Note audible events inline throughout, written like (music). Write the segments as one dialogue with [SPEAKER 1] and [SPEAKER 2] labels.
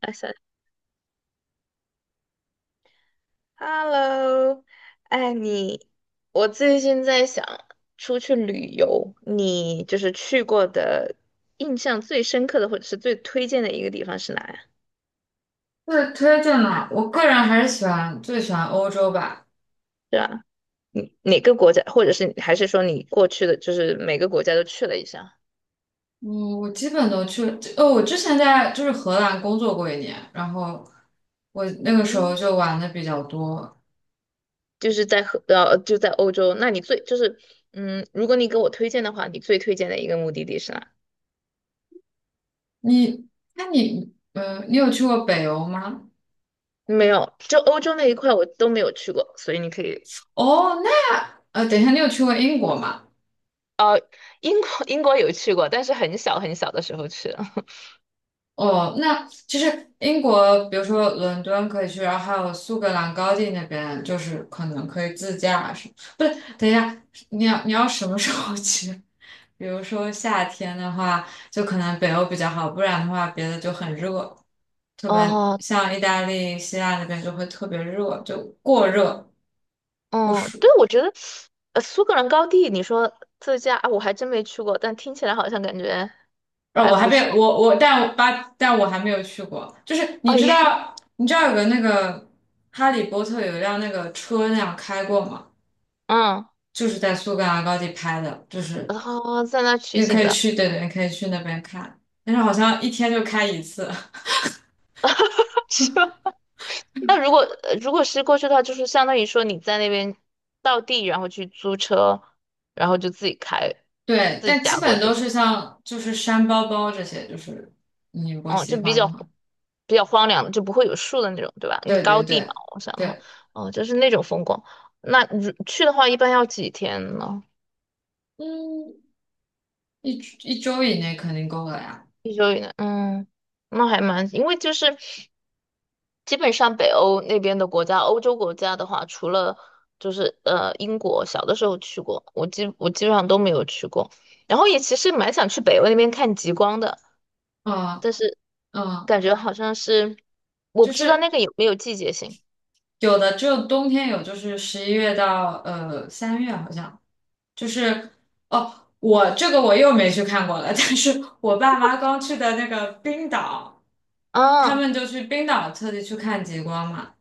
[SPEAKER 1] 哎三 Hello，哎你，我最近在想出去旅游，你就是去过的印象最深刻的或者是最推荐的一个地方是哪呀？
[SPEAKER 2] 是推荐的，我个人还是最喜欢欧洲吧。
[SPEAKER 1] 是吧？你哪个国家，或者是还是说你过去的就是每个国家都去了一下？
[SPEAKER 2] 嗯，我基本都去。哦，我之前在就是荷兰工作过一年，然后我那个时候
[SPEAKER 1] 嗯，
[SPEAKER 2] 就玩的比较多。
[SPEAKER 1] 就是在就在欧洲，那你最就是嗯，如果你给我推荐的话，你最推荐的一个目的地是哪？
[SPEAKER 2] 你，那你有去过北欧吗？
[SPEAKER 1] 没有，就欧洲那一块我都没有去过，所以你可以。
[SPEAKER 2] 哦，那，等一下，你有去过英国吗？
[SPEAKER 1] 英国 (laughs) 英国有去过，但是很小很小的时候去了。(laughs)
[SPEAKER 2] 哦，那其实英国，比如说伦敦可以去，然后还有苏格兰高地那边，就是可能可以自驾是，不是，等一下，你要什么时候去？比如说夏天的话，就可能北欧比较好，不然的话别的就很热，特别
[SPEAKER 1] 哦，
[SPEAKER 2] 像意大利、希腊那边就会特别热，就过热不
[SPEAKER 1] 嗯，对，
[SPEAKER 2] 暑。
[SPEAKER 1] 我觉得，苏格兰高地，你说自驾，啊我还真没去过，但听起来好像感觉还
[SPEAKER 2] 我还
[SPEAKER 1] 不错。
[SPEAKER 2] 没我我，但我巴但我还没有去过。就是
[SPEAKER 1] (laughs)
[SPEAKER 2] 你
[SPEAKER 1] 哦，
[SPEAKER 2] 知
[SPEAKER 1] 你
[SPEAKER 2] 道你知道有个那个《哈利波特》有一辆那个车那样开过吗？
[SPEAKER 1] (laughs) 嗯，
[SPEAKER 2] 就是在苏格兰高地拍的，就是
[SPEAKER 1] 然后在那取
[SPEAKER 2] 你
[SPEAKER 1] 景
[SPEAKER 2] 可以
[SPEAKER 1] 的。
[SPEAKER 2] 去，对对，你可以去那边看，但是好像一天就开一次。(laughs)
[SPEAKER 1] (laughs) 是吧？那如果是过去的话，就是相当于说你在那边到地，然后去租车，然后就自己开，
[SPEAKER 2] 对，
[SPEAKER 1] 自己
[SPEAKER 2] 但
[SPEAKER 1] 驾
[SPEAKER 2] 基
[SPEAKER 1] 过
[SPEAKER 2] 本
[SPEAKER 1] 去。
[SPEAKER 2] 都
[SPEAKER 1] 是
[SPEAKER 2] 是
[SPEAKER 1] 吧？
[SPEAKER 2] 像就是山包包这些，就是你如果
[SPEAKER 1] 哦，
[SPEAKER 2] 喜
[SPEAKER 1] 就比
[SPEAKER 2] 欢
[SPEAKER 1] 较
[SPEAKER 2] 的话，
[SPEAKER 1] 比较荒凉的，就不会有树的那种，对吧？那
[SPEAKER 2] 对
[SPEAKER 1] 高
[SPEAKER 2] 对
[SPEAKER 1] 地嘛，
[SPEAKER 2] 对
[SPEAKER 1] 我想的话，
[SPEAKER 2] 对。
[SPEAKER 1] 哦，就是那种风光。那如去的话，一般要几天呢？
[SPEAKER 2] 嗯，一一周以内肯定够了呀。
[SPEAKER 1] 一周以内，嗯，那还蛮，因为就是基本上北欧那边的国家，欧洲国家的话，除了就是英国，小的时候去过，我基本上都没有去过。然后也其实蛮想去北欧那边看极光的，
[SPEAKER 2] 嗯
[SPEAKER 1] 但是
[SPEAKER 2] 嗯，
[SPEAKER 1] 感觉好像是我
[SPEAKER 2] 就
[SPEAKER 1] 不知道那
[SPEAKER 2] 是
[SPEAKER 1] 个有没有季节性
[SPEAKER 2] 有的只有冬天有，就是11月到3月好像，就是哦，我这个我又没去看过了，(laughs) 但是我爸妈刚去的那个冰岛，他
[SPEAKER 1] 啊。
[SPEAKER 2] 们就去冰岛特地去看极光嘛。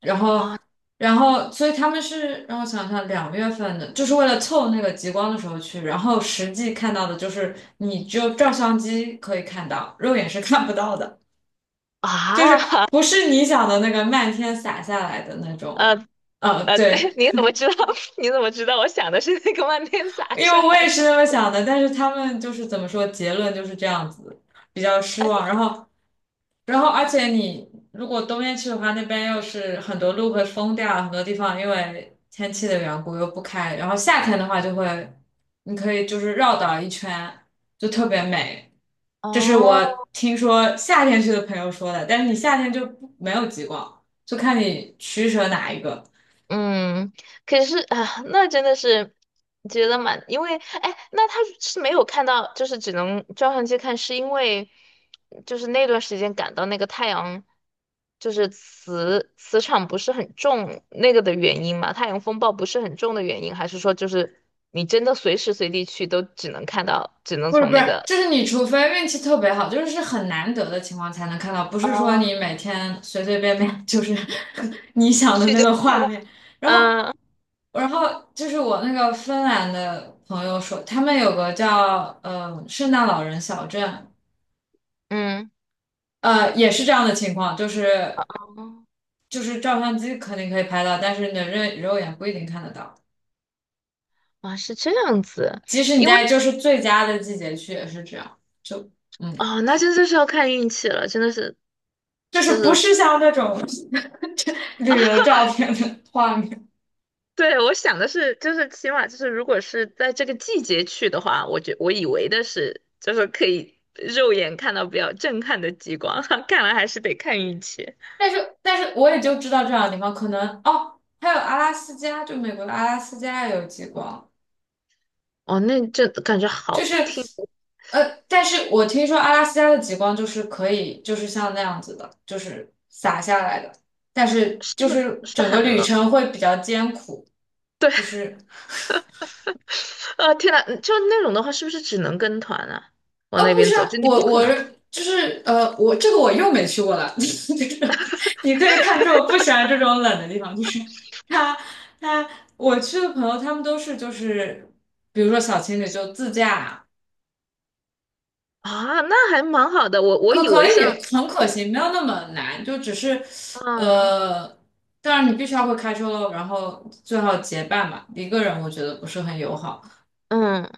[SPEAKER 2] 然后，
[SPEAKER 1] 啊，
[SPEAKER 2] 然后，所以他们是让我想想，2月份的，就是为了凑那个极光的时候去，然后实际看到的就是你只有照相机可以看到，肉眼是看不到的，就
[SPEAKER 1] 啊，
[SPEAKER 2] 是不是你想的那个漫天洒下来的那
[SPEAKER 1] 呃
[SPEAKER 2] 种。
[SPEAKER 1] (laughs)
[SPEAKER 2] 对，
[SPEAKER 1] 对，你怎么知道？(laughs) 你怎么知道？我想的是那个万年洒
[SPEAKER 2] 因
[SPEAKER 1] 晒
[SPEAKER 2] 为我也是那么想的，但是他们就是怎么说，结论就是这样子，比较失望。
[SPEAKER 1] (laughs)。
[SPEAKER 2] 然后而
[SPEAKER 1] 嗯，
[SPEAKER 2] 且你如果冬天去的话，那边又是很多路会封掉，很多地方因为天气的缘故又不开。然后夏天的话就会，你可以就是绕岛一圈，就特别美。这是我
[SPEAKER 1] 哦，
[SPEAKER 2] 听说夏天去的朋友说的，但是你夏天就不没有极光，就看你取舍哪一个。
[SPEAKER 1] 嗯，可是啊，那真的是觉得蛮，因为哎，那他是没有看到，就是只能照相机看，是因为就是那段时间感到那个太阳就是磁场不是很重那个的原因嘛，太阳风暴不是很重的原因，还是说就是你真的随时随地去都只能看到，只能
[SPEAKER 2] 不是
[SPEAKER 1] 从
[SPEAKER 2] 不
[SPEAKER 1] 那
[SPEAKER 2] 是，
[SPEAKER 1] 个。
[SPEAKER 2] 就是你除非运气特别好，就是是很难得的情况才能看到，不是说
[SPEAKER 1] 哦，
[SPEAKER 2] 你每天随随便便就是 (laughs) 你想的
[SPEAKER 1] 去
[SPEAKER 2] 那
[SPEAKER 1] 就
[SPEAKER 2] 个
[SPEAKER 1] 快
[SPEAKER 2] 画
[SPEAKER 1] 乐。(laughs)
[SPEAKER 2] 面。然后，
[SPEAKER 1] 嗯
[SPEAKER 2] 然后就是我那个芬兰的朋友说，他们有个叫圣诞老人小镇，
[SPEAKER 1] 嗯，
[SPEAKER 2] 也是这样的情况，就是
[SPEAKER 1] 哦，
[SPEAKER 2] 就是照相机肯定可以拍到，但是你的肉眼不一定看得到，
[SPEAKER 1] 哇，是这样子，
[SPEAKER 2] 即使你
[SPEAKER 1] 因为
[SPEAKER 2] 在就
[SPEAKER 1] (laughs)
[SPEAKER 2] 是最佳的季节去也是这样，就嗯。
[SPEAKER 1] 哦，那真的是要看运气了，真的是，
[SPEAKER 2] 就是
[SPEAKER 1] 就
[SPEAKER 2] 不
[SPEAKER 1] 是
[SPEAKER 2] 是像那种旅游照片的画面。
[SPEAKER 1] 对我想的是，就是起码就是如果是在这个季节去的话，我以为的是就是可以肉眼看到比较震撼的极光，(laughs) 看来还是得看运气。
[SPEAKER 2] 但是我也就知道这两个地方，可能哦，还有阿拉斯加，就美国的阿拉斯加也有极光，
[SPEAKER 1] 哦，那这感觉
[SPEAKER 2] 就
[SPEAKER 1] 好
[SPEAKER 2] 是
[SPEAKER 1] 听，
[SPEAKER 2] 但是我听说阿拉斯加的极光就是可以，就是像那样子的，就是洒下来的，但是
[SPEAKER 1] 是
[SPEAKER 2] 就
[SPEAKER 1] 不是
[SPEAKER 2] 是
[SPEAKER 1] 是
[SPEAKER 2] 整
[SPEAKER 1] 很
[SPEAKER 2] 个旅
[SPEAKER 1] 冷？
[SPEAKER 2] 程会比较艰苦，就是
[SPEAKER 1] (laughs) 啊，天呐，就那种的话，是不是只能跟团啊？
[SPEAKER 2] 哦，
[SPEAKER 1] 往那
[SPEAKER 2] 不
[SPEAKER 1] 边
[SPEAKER 2] 是
[SPEAKER 1] 走，
[SPEAKER 2] 啊，
[SPEAKER 1] 就你不
[SPEAKER 2] 我
[SPEAKER 1] 可
[SPEAKER 2] 我
[SPEAKER 1] 能。
[SPEAKER 2] 就是我这个我又没去过了，(laughs) 就是你可以看出我不喜欢这种冷的地方，就是他他我去的朋友他们都是就是比如说小情侣就自驾，
[SPEAKER 1] 啊，那还蛮好的。我
[SPEAKER 2] 可
[SPEAKER 1] 以为
[SPEAKER 2] 可以
[SPEAKER 1] 像，
[SPEAKER 2] 很可行，没有那么难，就只是
[SPEAKER 1] 啊，
[SPEAKER 2] 呃，当然你必须要会开车喽，然后最好结伴吧，一个人我觉得不是很友好。
[SPEAKER 1] 嗯，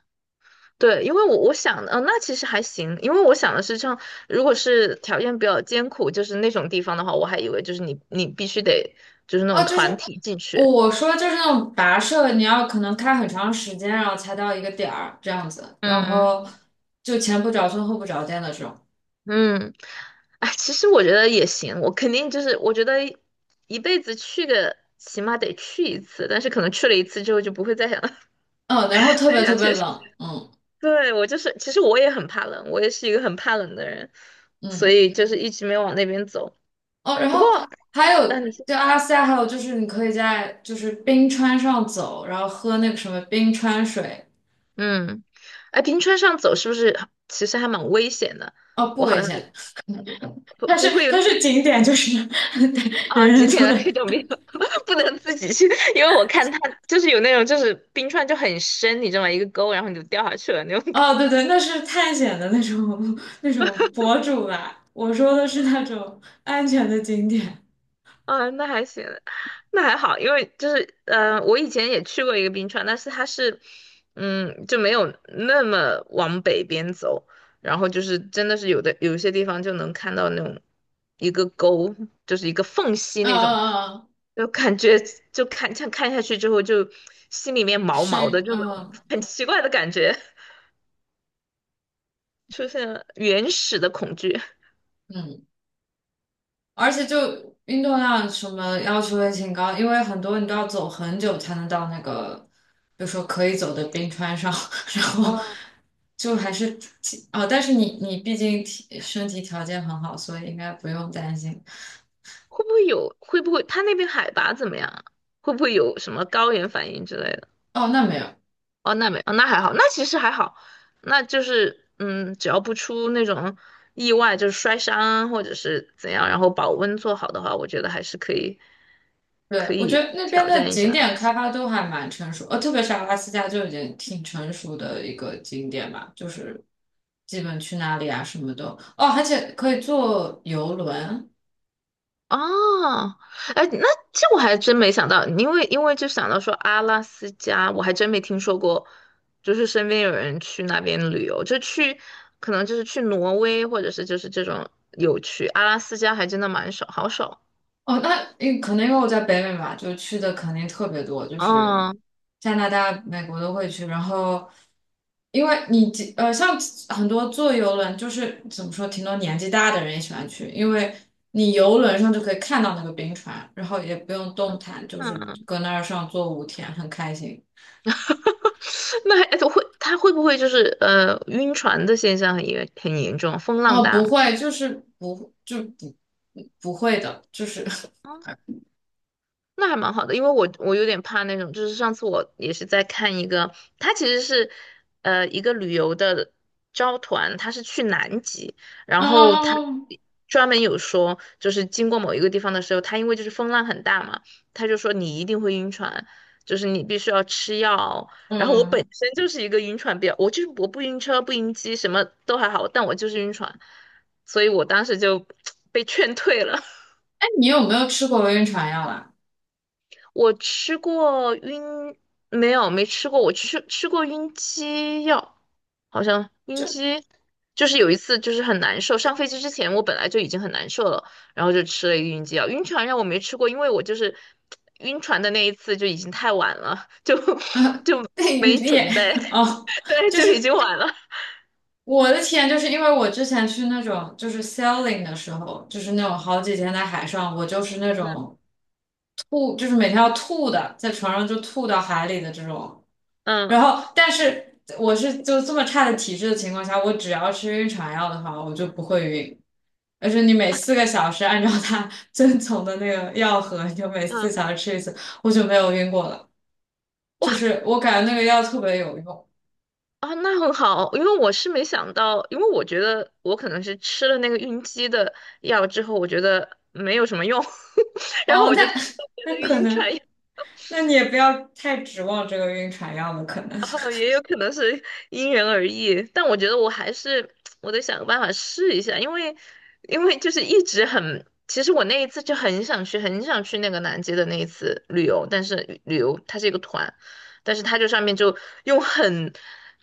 [SPEAKER 1] 对，因为我想的，嗯、那其实还行，因为我想的是像，如果是条件比较艰苦，就是那种地方的话，我还以为就是你必须得就是那
[SPEAKER 2] 哦，
[SPEAKER 1] 种
[SPEAKER 2] 就
[SPEAKER 1] 团
[SPEAKER 2] 是
[SPEAKER 1] 体进去，
[SPEAKER 2] 我说就是那种跋涉，你要可能开很长时间，然后才到一个点儿这样子，然
[SPEAKER 1] 嗯
[SPEAKER 2] 后就前不着村后不着店的这种，
[SPEAKER 1] 嗯，哎，其实我觉得也行，我肯定就是我觉得一辈子去个起码得去一次，但是可能去了一次之后就不会再想 (laughs) 再
[SPEAKER 2] 嗯，然后特别特
[SPEAKER 1] 想
[SPEAKER 2] 别
[SPEAKER 1] 去，
[SPEAKER 2] 冷，嗯
[SPEAKER 1] 对，我就是，其实我也很怕冷，我也是一个很怕冷的人，所
[SPEAKER 2] 嗯，
[SPEAKER 1] 以就是一直没往那边走。
[SPEAKER 2] 哦，然
[SPEAKER 1] 不过，
[SPEAKER 2] 后还
[SPEAKER 1] 那你
[SPEAKER 2] 有
[SPEAKER 1] 说
[SPEAKER 2] 就阿拉斯加还有就是你可以在就是冰川上走，然后喝那个什么冰川水，
[SPEAKER 1] 嗯，哎，冰川上走是不是其实还蛮危险的？
[SPEAKER 2] 哦，不
[SPEAKER 1] 我好
[SPEAKER 2] 危
[SPEAKER 1] 像
[SPEAKER 2] 险，
[SPEAKER 1] 不
[SPEAKER 2] 它是
[SPEAKER 1] 不会有那
[SPEAKER 2] 它是
[SPEAKER 1] 种
[SPEAKER 2] 景点，就是 (laughs) 人
[SPEAKER 1] 啊几
[SPEAKER 2] 人
[SPEAKER 1] 点
[SPEAKER 2] 都
[SPEAKER 1] 的
[SPEAKER 2] 得
[SPEAKER 1] 那种没有，(laughs) 不能自己去，因为我看他就是有那种就是冰川就很深，你知道吗？一个沟，然后你就掉下去了那种。
[SPEAKER 2] 哦，对对，那是探险的那种 (laughs) 那种博主吧。我说的是那种安全的景点。
[SPEAKER 1] 啊，那还行，那还好，因为就是，我以前也去过一个冰川，但是它是，就没有那么往北边走，然后就是真的是有一些地方就能看到那种一个沟，就是一个缝隙
[SPEAKER 2] 嗯
[SPEAKER 1] 那种，
[SPEAKER 2] 嗯嗯，
[SPEAKER 1] 就感觉就看像看下去之后就心里面毛毛的，
[SPEAKER 2] 深
[SPEAKER 1] 就那种
[SPEAKER 2] 嗯
[SPEAKER 1] 很奇怪的感觉，出现了原始的恐惧。
[SPEAKER 2] 嗯，而且就运动量什么要求也挺高，因为很多你都要走很久才能到那个，比如说可以走的冰川上，(laughs) 然后
[SPEAKER 1] 嗯，
[SPEAKER 2] 就还是挺哦，但是你毕竟体身体条件很好，所以应该不用担心。
[SPEAKER 1] 会不会有？会不会它那边海拔怎么样啊，会不会有什么高原反应之类的？
[SPEAKER 2] 哦，那没有。
[SPEAKER 1] 哦，那没，哦，那还好，那其实还好，那就是，只要不出那种意外，就是摔伤啊或者是怎样，然后保温做好的话，我觉得还是可以，
[SPEAKER 2] 对，
[SPEAKER 1] 可
[SPEAKER 2] 我觉
[SPEAKER 1] 以
[SPEAKER 2] 得那边
[SPEAKER 1] 挑
[SPEAKER 2] 的
[SPEAKER 1] 战一
[SPEAKER 2] 景
[SPEAKER 1] 下。
[SPEAKER 2] 点开发都还蛮成熟，特别是阿拉斯加就已经挺成熟的一个景点吧，就是基本去哪里啊什么的，哦，而且可以坐游轮，
[SPEAKER 1] 哦，哎，那这我还真没想到，因为就想到说阿拉斯加，我还真没听说过，就是身边有人去那边旅游，就去，可能就是去挪威或者是就是这种有去，阿拉斯加还真的蛮少，好少。
[SPEAKER 2] 哦，那因可能因为我在北美嘛，就去的肯定特别多，就是
[SPEAKER 1] 哦，
[SPEAKER 2] 加拿大、美国都会去。然后，因为你几像很多坐游轮，就是怎么说，挺多年纪大的人也喜欢去，因为你游轮上就可以看到那个冰川，然后也不用动弹，就是
[SPEAKER 1] 嗯
[SPEAKER 2] 搁那儿上坐5天，很开心。
[SPEAKER 1] (laughs) 那还会他会不会就是晕船的现象也很严重，风浪
[SPEAKER 2] 哦，
[SPEAKER 1] 大
[SPEAKER 2] 不
[SPEAKER 1] 吗？
[SPEAKER 2] 会，就是不会的，就是 (laughs)
[SPEAKER 1] 那还蛮好的，因为我有点怕那种，就是上次我也是在看一个，他其实是一个旅游的招团，他是去南极，然后他
[SPEAKER 2] 嗯
[SPEAKER 1] 专门有说，就是经过某一个地方的时候，他因为就是风浪很大嘛，他就说你一定会晕船，就是你必须要吃药。然后我本
[SPEAKER 2] 嗯，
[SPEAKER 1] 身就是一个晕船比较，我就是我不晕车不晕机什么都还好，但我就是晕船，所以我当时就 (tsk) 被劝退了。
[SPEAKER 2] 哎，你有没有吃过晕船药啊？
[SPEAKER 1] 我吃过晕，没有，没吃过。我吃过晕机药，好像晕
[SPEAKER 2] 就。
[SPEAKER 1] 机就是有一次就是很难受。上飞机之前我本来就已经很难受了，然后就吃了一个晕机药。晕船药我没吃过，因为我就是晕船的那一次就已经太晚了，就 (laughs)
[SPEAKER 2] (laughs) 啊，
[SPEAKER 1] 就
[SPEAKER 2] 被雨
[SPEAKER 1] 没
[SPEAKER 2] 裂
[SPEAKER 1] 准备，
[SPEAKER 2] 哦，
[SPEAKER 1] (laughs) 对，
[SPEAKER 2] 就
[SPEAKER 1] 就已
[SPEAKER 2] 是
[SPEAKER 1] 经晚了。
[SPEAKER 2] 我的体验，就是因为我之前去那种就是 sailing 的时候，就是那种好几天在海上，我就是那种吐，就是每天要吐的，在船上就吐到海里的这种。然
[SPEAKER 1] 嗯
[SPEAKER 2] 后，但是我是就这么差的体质的情况下，我只要吃晕船药的话，我就不会晕。而且你每4个小时按照它 (laughs) 遵从的那个药盒，你就每四
[SPEAKER 1] 嗯，
[SPEAKER 2] 小时吃一次，我就没有晕过了。就
[SPEAKER 1] 哇，
[SPEAKER 2] 是我感觉那个药特别有用，
[SPEAKER 1] 啊，那很好，因为我是没想到，因为我觉得我可能是吃了那个晕机的药之后，我觉得没有什么用，(laughs) 然后
[SPEAKER 2] 哦，
[SPEAKER 1] 我就
[SPEAKER 2] 那
[SPEAKER 1] 做
[SPEAKER 2] (laughs)
[SPEAKER 1] 别的
[SPEAKER 2] 那可
[SPEAKER 1] 晕
[SPEAKER 2] 能，
[SPEAKER 1] 船药，
[SPEAKER 2] 那你也不要太指望这个晕船药了，可能。
[SPEAKER 1] 哦，也
[SPEAKER 2] (laughs)
[SPEAKER 1] 有可能是因人而异，但我觉得我还是 (tsk) 我得想个办法试一下，因为就是一直很，其实我那一次就很想去，很想去那个南极的那一次旅游，但是旅游它是一个团，但是它就上面就用很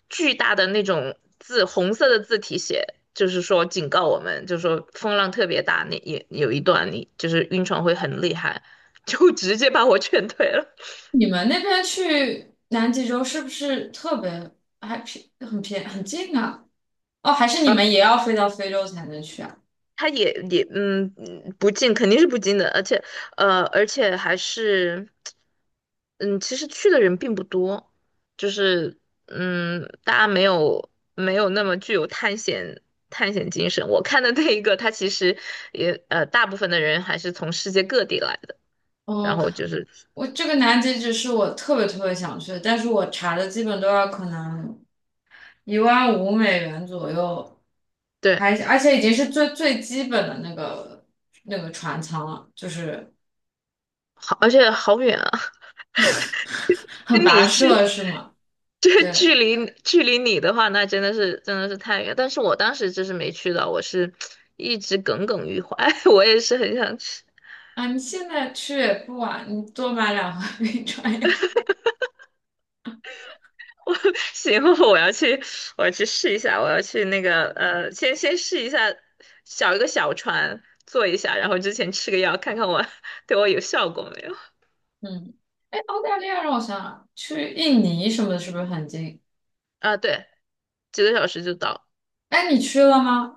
[SPEAKER 1] 巨大的那种字，红色的字体写，就是说警告我们，就是说风浪特别大，那也有一段你就是晕船会很厉害，就直接把我劝退了。
[SPEAKER 2] 你们那边去南极洲是不是特别还便很便很近啊？哦，还是你们也要飞到非洲才能去啊？
[SPEAKER 1] 他也不进，肯定是不进的，而且还是嗯，其实去的人并不多，就是大家没有那么具有探险精神。我看的那一个，他其实也大部分的人还是从世界各地来的，然
[SPEAKER 2] 哦，
[SPEAKER 1] 后就是
[SPEAKER 2] 我这个南极只是我特别特别想去的，但是我查的基本都要可能1.5万美元左右，
[SPEAKER 1] 对，
[SPEAKER 2] 还而且已经是最最基本的那个船舱了，就是
[SPEAKER 1] 好而且好远啊。
[SPEAKER 2] (laughs) 很
[SPEAKER 1] 跟
[SPEAKER 2] 跋
[SPEAKER 1] 你去，
[SPEAKER 2] 涉是吗？
[SPEAKER 1] 这
[SPEAKER 2] 对。
[SPEAKER 1] 距离你的话，那真的是真的是太远。但是我当时就是没去到，我是一直耿耿于怀。(laughs) 我也是很想去，
[SPEAKER 2] 啊，你现在去也不晚，你多买两盒冰川药。
[SPEAKER 1] (laughs) 我行，我要去，我要去试一下，我要去那个先试一下，一个小船坐一下，然后之前吃个药，看看我 (laughs) 对我有效果没有。
[SPEAKER 2] 嗯，哎，澳大利亚让我想想，去印尼什么的，是不是很近？
[SPEAKER 1] 啊，对，几个小时就到
[SPEAKER 2] 哎，你去了吗？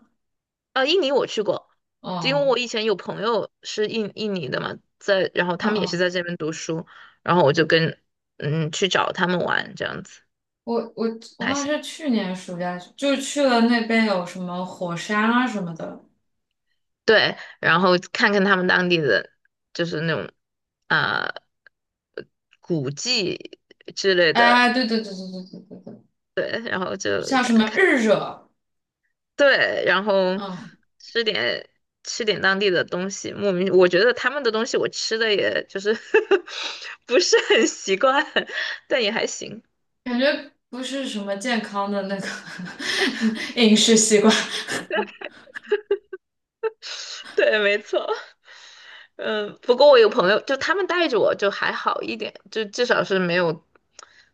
[SPEAKER 1] 啊，印尼我去过，因为
[SPEAKER 2] 哦，
[SPEAKER 1] 我以前有朋友是印尼的嘛，在，然后
[SPEAKER 2] 哦
[SPEAKER 1] 他们也是
[SPEAKER 2] 哦，
[SPEAKER 1] 在这边读书，然后我就跟去找他们玩这样子，
[SPEAKER 2] 我我我
[SPEAKER 1] 还
[SPEAKER 2] 好像
[SPEAKER 1] 行。
[SPEAKER 2] 是去年暑假去就去了那边有什么火山啊什么的。
[SPEAKER 1] 对，然后看看他们当地的就是那种啊、呃古迹之类的，
[SPEAKER 2] 哎，对对对对对对对对，
[SPEAKER 1] 对，然后就
[SPEAKER 2] 像什
[SPEAKER 1] 感
[SPEAKER 2] 么
[SPEAKER 1] 看。
[SPEAKER 2] 日惹，
[SPEAKER 1] 对，然后
[SPEAKER 2] 嗯，
[SPEAKER 1] 吃点吃点当地的东西，莫名我觉得他们的东西我吃的也就是 (laughs) 不是很习惯，但也还行。
[SPEAKER 2] 感觉不是什么健康的那个 (laughs) 饮食习惯。
[SPEAKER 1] 对，没错。嗯，不过我有朋友，就他们带着我就还好一点，就至少是没有，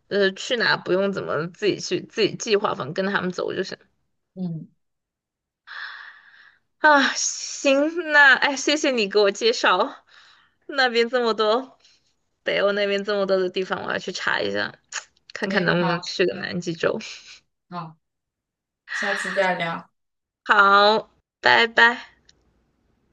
[SPEAKER 1] 去哪不用怎么自己去自己计划，反正跟着他们走就行。
[SPEAKER 2] 嗯，
[SPEAKER 1] 啊，行，那哎，谢谢你给我介绍那边这么多，北欧那边这么多的地方，我要去查一下，看看
[SPEAKER 2] 行，
[SPEAKER 1] 能不能
[SPEAKER 2] 好，
[SPEAKER 1] 去个南极洲。
[SPEAKER 2] 好，下次再聊。
[SPEAKER 1] 好，拜拜。